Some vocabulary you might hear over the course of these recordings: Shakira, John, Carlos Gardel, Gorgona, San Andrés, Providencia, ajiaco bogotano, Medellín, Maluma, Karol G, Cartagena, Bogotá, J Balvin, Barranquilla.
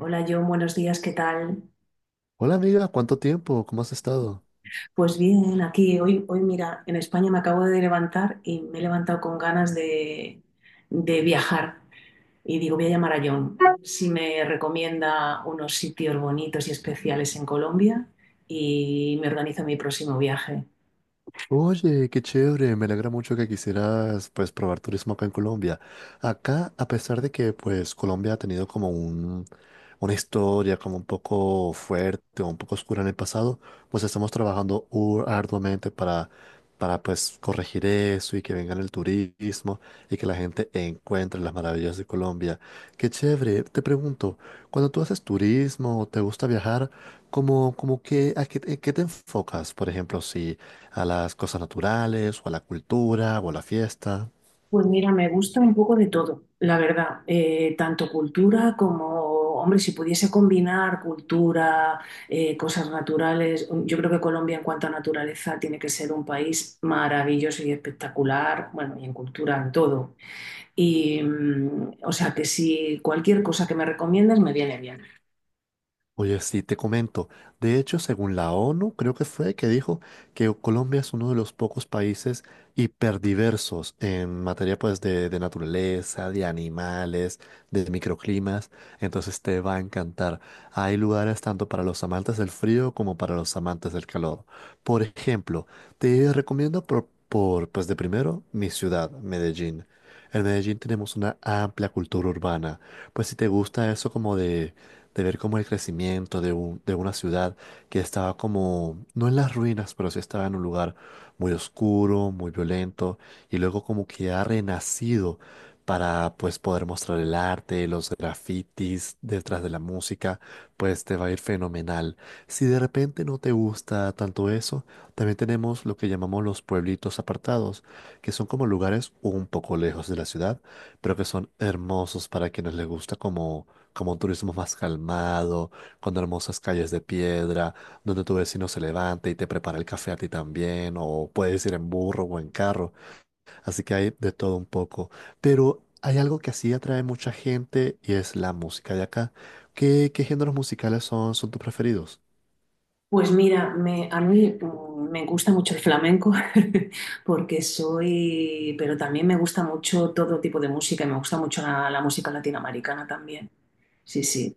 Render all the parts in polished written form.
Hola John, buenos días, ¿qué tal? Hola amiga, ¿cuánto tiempo? ¿Cómo has estado? Pues bien, aquí hoy mira, en España me acabo de levantar y me he levantado con ganas de viajar. Y digo, voy a llamar a John si me recomienda unos sitios bonitos y especiales en Colombia y me organizo mi próximo viaje. Oye, qué chévere, me alegra mucho que quisieras pues probar turismo acá en Colombia. Acá, a pesar de que pues Colombia ha tenido una historia como un poco fuerte o un poco oscura en el pasado, pues estamos trabajando arduamente para pues corregir eso y que venga el turismo y que la gente encuentre las maravillas de Colombia. Qué chévere, te pregunto, cuando tú haces turismo o te gusta viajar, ¿cómo, cómo que, a qué te enfocas? Por ejemplo, si a las cosas naturales, o a la cultura, o a la fiesta. Pues mira, me gusta un poco de todo, la verdad. Tanto cultura como, hombre, si pudiese combinar cultura, cosas naturales, yo creo que Colombia en cuanto a naturaleza tiene que ser un país maravilloso y espectacular, bueno, y en cultura, en todo. O sea, que si cualquier cosa que me recomiendes me viene bien. Oye, sí, te comento. De hecho, según la ONU, creo que fue que dijo que Colombia es uno de los pocos países hiperdiversos en materia de naturaleza, de animales, de microclimas. Entonces te va a encantar. Hay lugares tanto para los amantes del frío como para los amantes del calor. Por ejemplo, te recomiendo por pues de primero mi ciudad, Medellín. En Medellín tenemos una amplia cultura urbana. Pues si te gusta eso como de ver como el crecimiento de una ciudad que estaba como, no en las ruinas, pero sí estaba en un lugar muy oscuro, muy violento, y luego como que ha renacido para pues poder mostrar el arte, los grafitis detrás de la música, pues te va a ir fenomenal. Si de repente no te gusta tanto eso, también tenemos lo que llamamos los pueblitos apartados, que son como lugares un poco lejos de la ciudad, pero que son hermosos para quienes les gusta como un turismo más calmado, con hermosas calles de piedra, donde tu vecino se levanta y te prepara el café a ti también, o puedes ir en burro o en carro, así que hay de todo un poco. Pero hay algo que así atrae mucha gente y es la música de acá. ¿Qué géneros musicales son tus preferidos? Pues mira, a mí me gusta mucho el flamenco porque soy, pero también me gusta mucho todo tipo de música y me gusta mucho la música latinoamericana también. Sí, sí.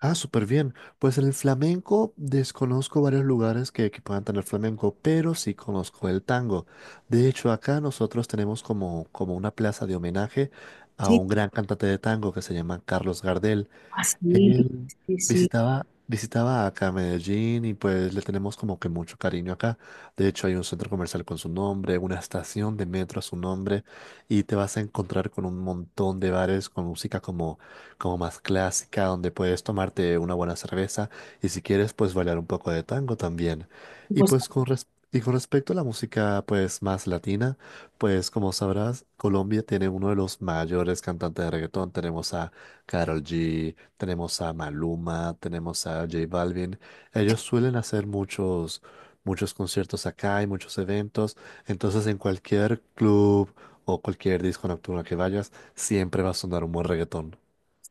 Ah, súper bien. Pues en el flamenco desconozco varios lugares que puedan tener flamenco, pero sí conozco el tango. De hecho, acá nosotros tenemos como una plaza de homenaje a Sí, un gran cantante de tango que se llama Carlos Gardel. así, Él sí, sí. Visitaba acá Medellín y pues le tenemos como que mucho cariño acá. De hecho, hay un centro comercial con su nombre, una estación de metro a su nombre y te vas a encontrar con un montón de bares con música como más clásica, donde puedes tomarte una buena cerveza y si quieres, pues bailar un poco de tango también. Pues, Y con respecto a la música pues más latina, pues como sabrás, Colombia tiene uno de los mayores cantantes de reggaetón. Tenemos a Karol G, tenemos a Maluma, tenemos a J Balvin. Ellos suelen hacer muchos conciertos acá y muchos eventos. Entonces, en cualquier club o cualquier disco nocturno que vayas, siempre va a sonar un buen reggaetón.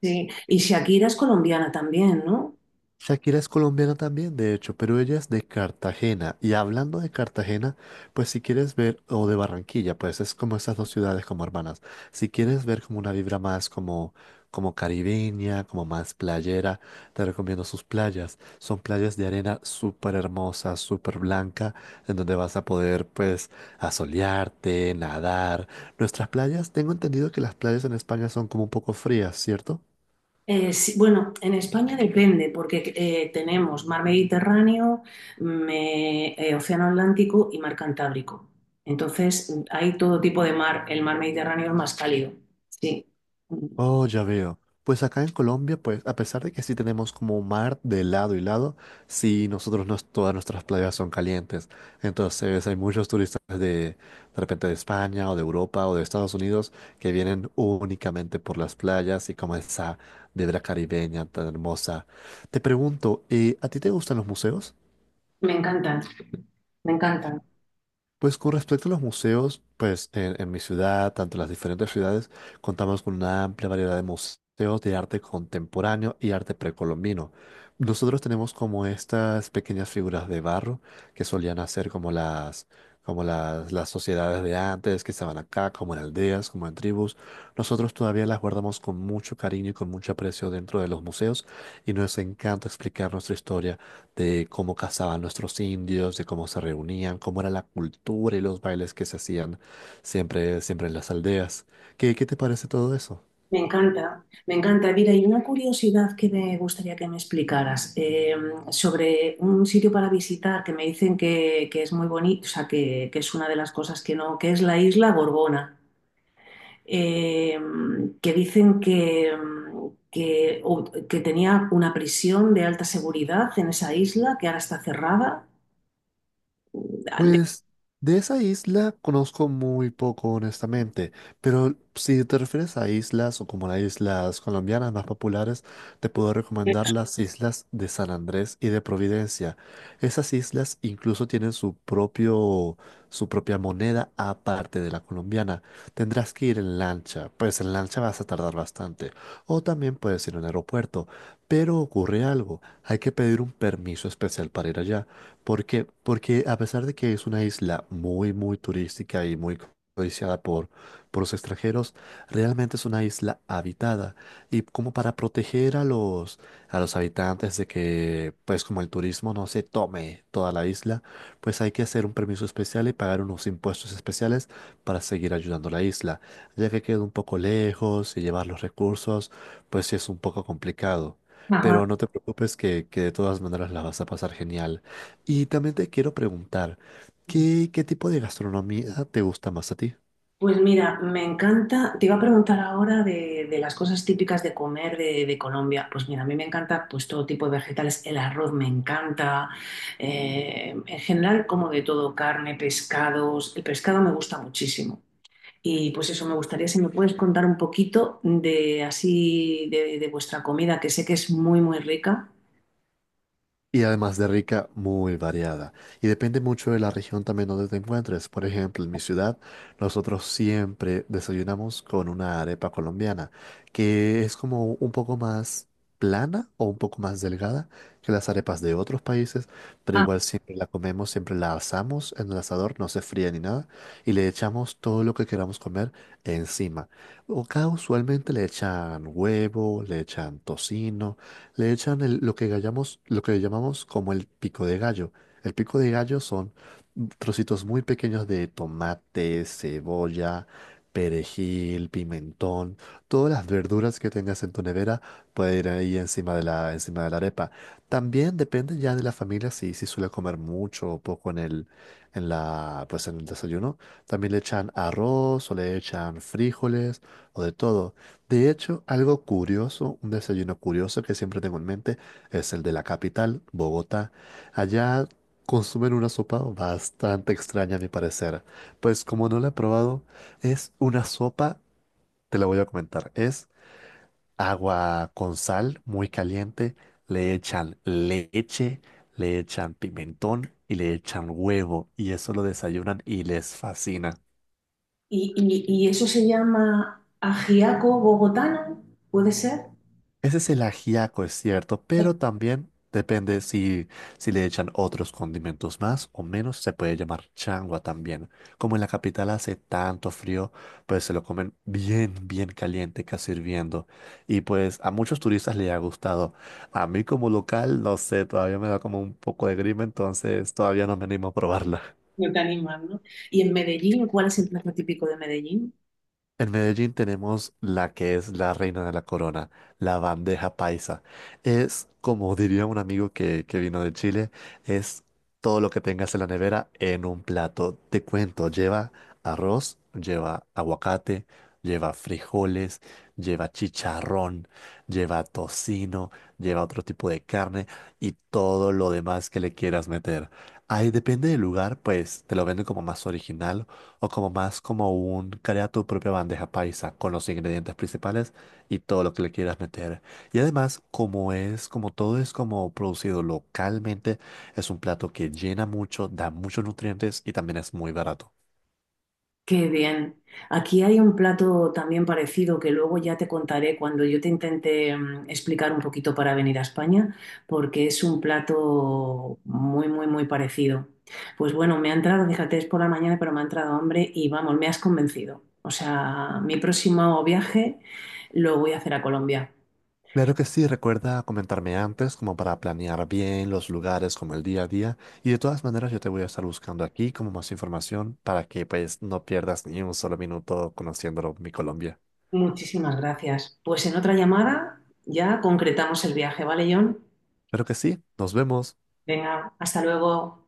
sí. Y Shakira es colombiana también, ¿no? Shakira es colombiana también, de hecho, pero ella es de Cartagena. Y hablando de Cartagena, pues si quieres ver, o de Barranquilla, pues es como esas dos ciudades como hermanas. Si quieres ver como una vibra como caribeña, como más playera, te recomiendo sus playas. Son playas de arena súper hermosa, súper blanca, en donde vas a poder pues asolearte, nadar. Nuestras playas, tengo entendido que las playas en España son como un poco frías, ¿cierto? Sí, bueno, en España depende, porque tenemos mar Mediterráneo, Océano Atlántico y mar Cantábrico. Entonces, hay todo tipo de mar. El mar Mediterráneo es más cálido. Sí. Mm, Oh, ya veo. Pues acá en Colombia, pues a pesar de que sí tenemos como mar de lado y lado, sí nosotros no, todas nuestras playas son calientes. Entonces hay muchos turistas de repente de España o de Europa o de Estados Unidos que vienen únicamente por las playas y como esa vibra caribeña tan hermosa. Te pregunto, ¿a ti te gustan los museos? Me encantan, me encantan. Pues con respecto a los museos, pues en mi ciudad, tanto en las diferentes ciudades, contamos con una amplia variedad de museos de arte contemporáneo y arte precolombino. Nosotros tenemos como estas pequeñas figuras de barro que solían hacer como las sociedades de antes que estaban acá, como en aldeas, como en tribus. Nosotros todavía las guardamos con mucho cariño y con mucho aprecio dentro de los museos y nos encanta explicar nuestra historia de cómo cazaban nuestros indios, de cómo se reunían, cómo era la cultura y los bailes que se hacían siempre en las aldeas. ¿Qué te parece todo eso? Me encanta, me encanta. Mira, y una curiosidad que me gustaría que me explicaras sobre un sitio para visitar que me dicen que es muy bonito, o sea, que es una de las cosas que no, que es la isla Gorgona. eh, que dicen que tenía una prisión de alta seguridad en esa isla que ahora está cerrada. Pues de esa isla conozco muy poco, honestamente, pero si te refieres a islas o como las islas colombianas más populares, te puedo recomendar las islas de San Andrés y de Providencia. Esas islas incluso tienen su propia moneda aparte de la colombiana. Tendrás que ir en lancha, pues en lancha vas a tardar bastante, o también puedes ir en aeropuerto, pero ocurre algo, hay que pedir un permiso especial para ir allá. ¿Por qué? Porque a pesar de que es una isla muy, muy turística y muy codiciada por los extranjeros, realmente es una isla habitada. Y como para proteger a a los habitantes de que, pues como el turismo no se tome toda la isla, pues hay que hacer un permiso especial y pagar unos impuestos especiales para seguir ayudando a la isla. Ya que queda un poco lejos y llevar los recursos, pues sí es un poco complicado. Ajá. Pero no te preocupes que de todas maneras la vas a pasar genial. Y también te quiero preguntar, ¿qué tipo de gastronomía te gusta más a ti? Pues mira, me encanta, te iba a preguntar ahora de las cosas típicas de comer de Colombia. Pues mira, a mí me encanta pues todo tipo de vegetales, el arroz me encanta, en general como de todo, carne, pescados, el pescado me gusta muchísimo. Y pues eso, me gustaría si me puedes contar un poquito de así de vuestra comida, que sé que es muy rica. Y además de rica, muy variada. Y depende mucho de la región también donde te encuentres. Por ejemplo, en mi ciudad, nosotros siempre desayunamos con una arepa colombiana, que es como un poco más plana o un poco más delgada que las arepas de otros países, pero Ah, igual siempre la comemos, siempre la asamos en el asador, no se fría ni nada, y le echamos todo lo que queramos comer encima. O acá usualmente le echan huevo, le echan tocino. Le echan el- lo que gallamos- Lo que llamamos como el pico de gallo. El pico de gallo son trocitos muy pequeños de tomate, cebolla, perejil, pimentón, todas las verduras que tengas en tu nevera pueden ir ahí encima de la arepa. También depende ya de la familia si suele comer mucho o poco en el, en la, pues en el desayuno. También le echan arroz o le echan frijoles o de todo. De hecho, algo curioso, un desayuno curioso que siempre tengo en mente es el de la capital, Bogotá. Allá consumen una sopa bastante extraña a mi parecer. Pues como no la he probado, es una sopa, te la voy a comentar. Es agua con sal muy caliente, le echan leche, le echan pimentón y le echan huevo y eso lo desayunan y les fascina. Y eso se llama ajiaco bogotano, ¿puede ser? Ese es el ajiaco, es cierto, pero también depende si le echan otros condimentos más o menos, se puede llamar changua también. Como en la capital hace tanto frío, pues se lo comen bien, bien caliente, casi hirviendo. Y pues a muchos turistas les ha gustado. A mí como local, no sé, todavía me da como un poco de grima, entonces todavía no me animo a probarla. No te animas, ¿no? Y en Medellín, ¿cuál es el plato típico de Medellín? En Medellín tenemos la que es la reina de la corona, la bandeja paisa. Es, como diría un amigo que vino de Chile, es todo lo que tengas en la nevera en un plato. Te cuento, lleva arroz, lleva aguacate, lleva frijoles, lleva chicharrón, lleva tocino, lleva otro tipo de carne y todo lo demás que le quieras meter. Ahí depende del lugar, pues te lo venden como más original o como más como un, crea tu propia bandeja paisa con los ingredientes principales y todo lo que le quieras meter. Y además, como es, como todo es como producido localmente, es un plato que llena mucho, da muchos nutrientes y también es muy barato. Qué bien. Aquí hay un plato también parecido que luego ya te contaré cuando yo te intente explicar un poquito para venir a España, porque es un plato muy parecido. Pues bueno, me ha entrado, fíjate, es por la mañana, pero me ha entrado hambre y vamos, me has convencido. O sea, mi próximo viaje lo voy a hacer a Colombia. Claro que sí, recuerda comentarme antes como para planear bien los lugares, como el día a día. Y de todas maneras, yo te voy a estar buscando aquí como más información para que pues no pierdas ni un solo minuto conociéndolo mi Colombia. Muchísimas gracias. Pues en otra llamada ya concretamos el viaje, ¿vale, John? Claro que sí, nos vemos. Venga, hasta luego.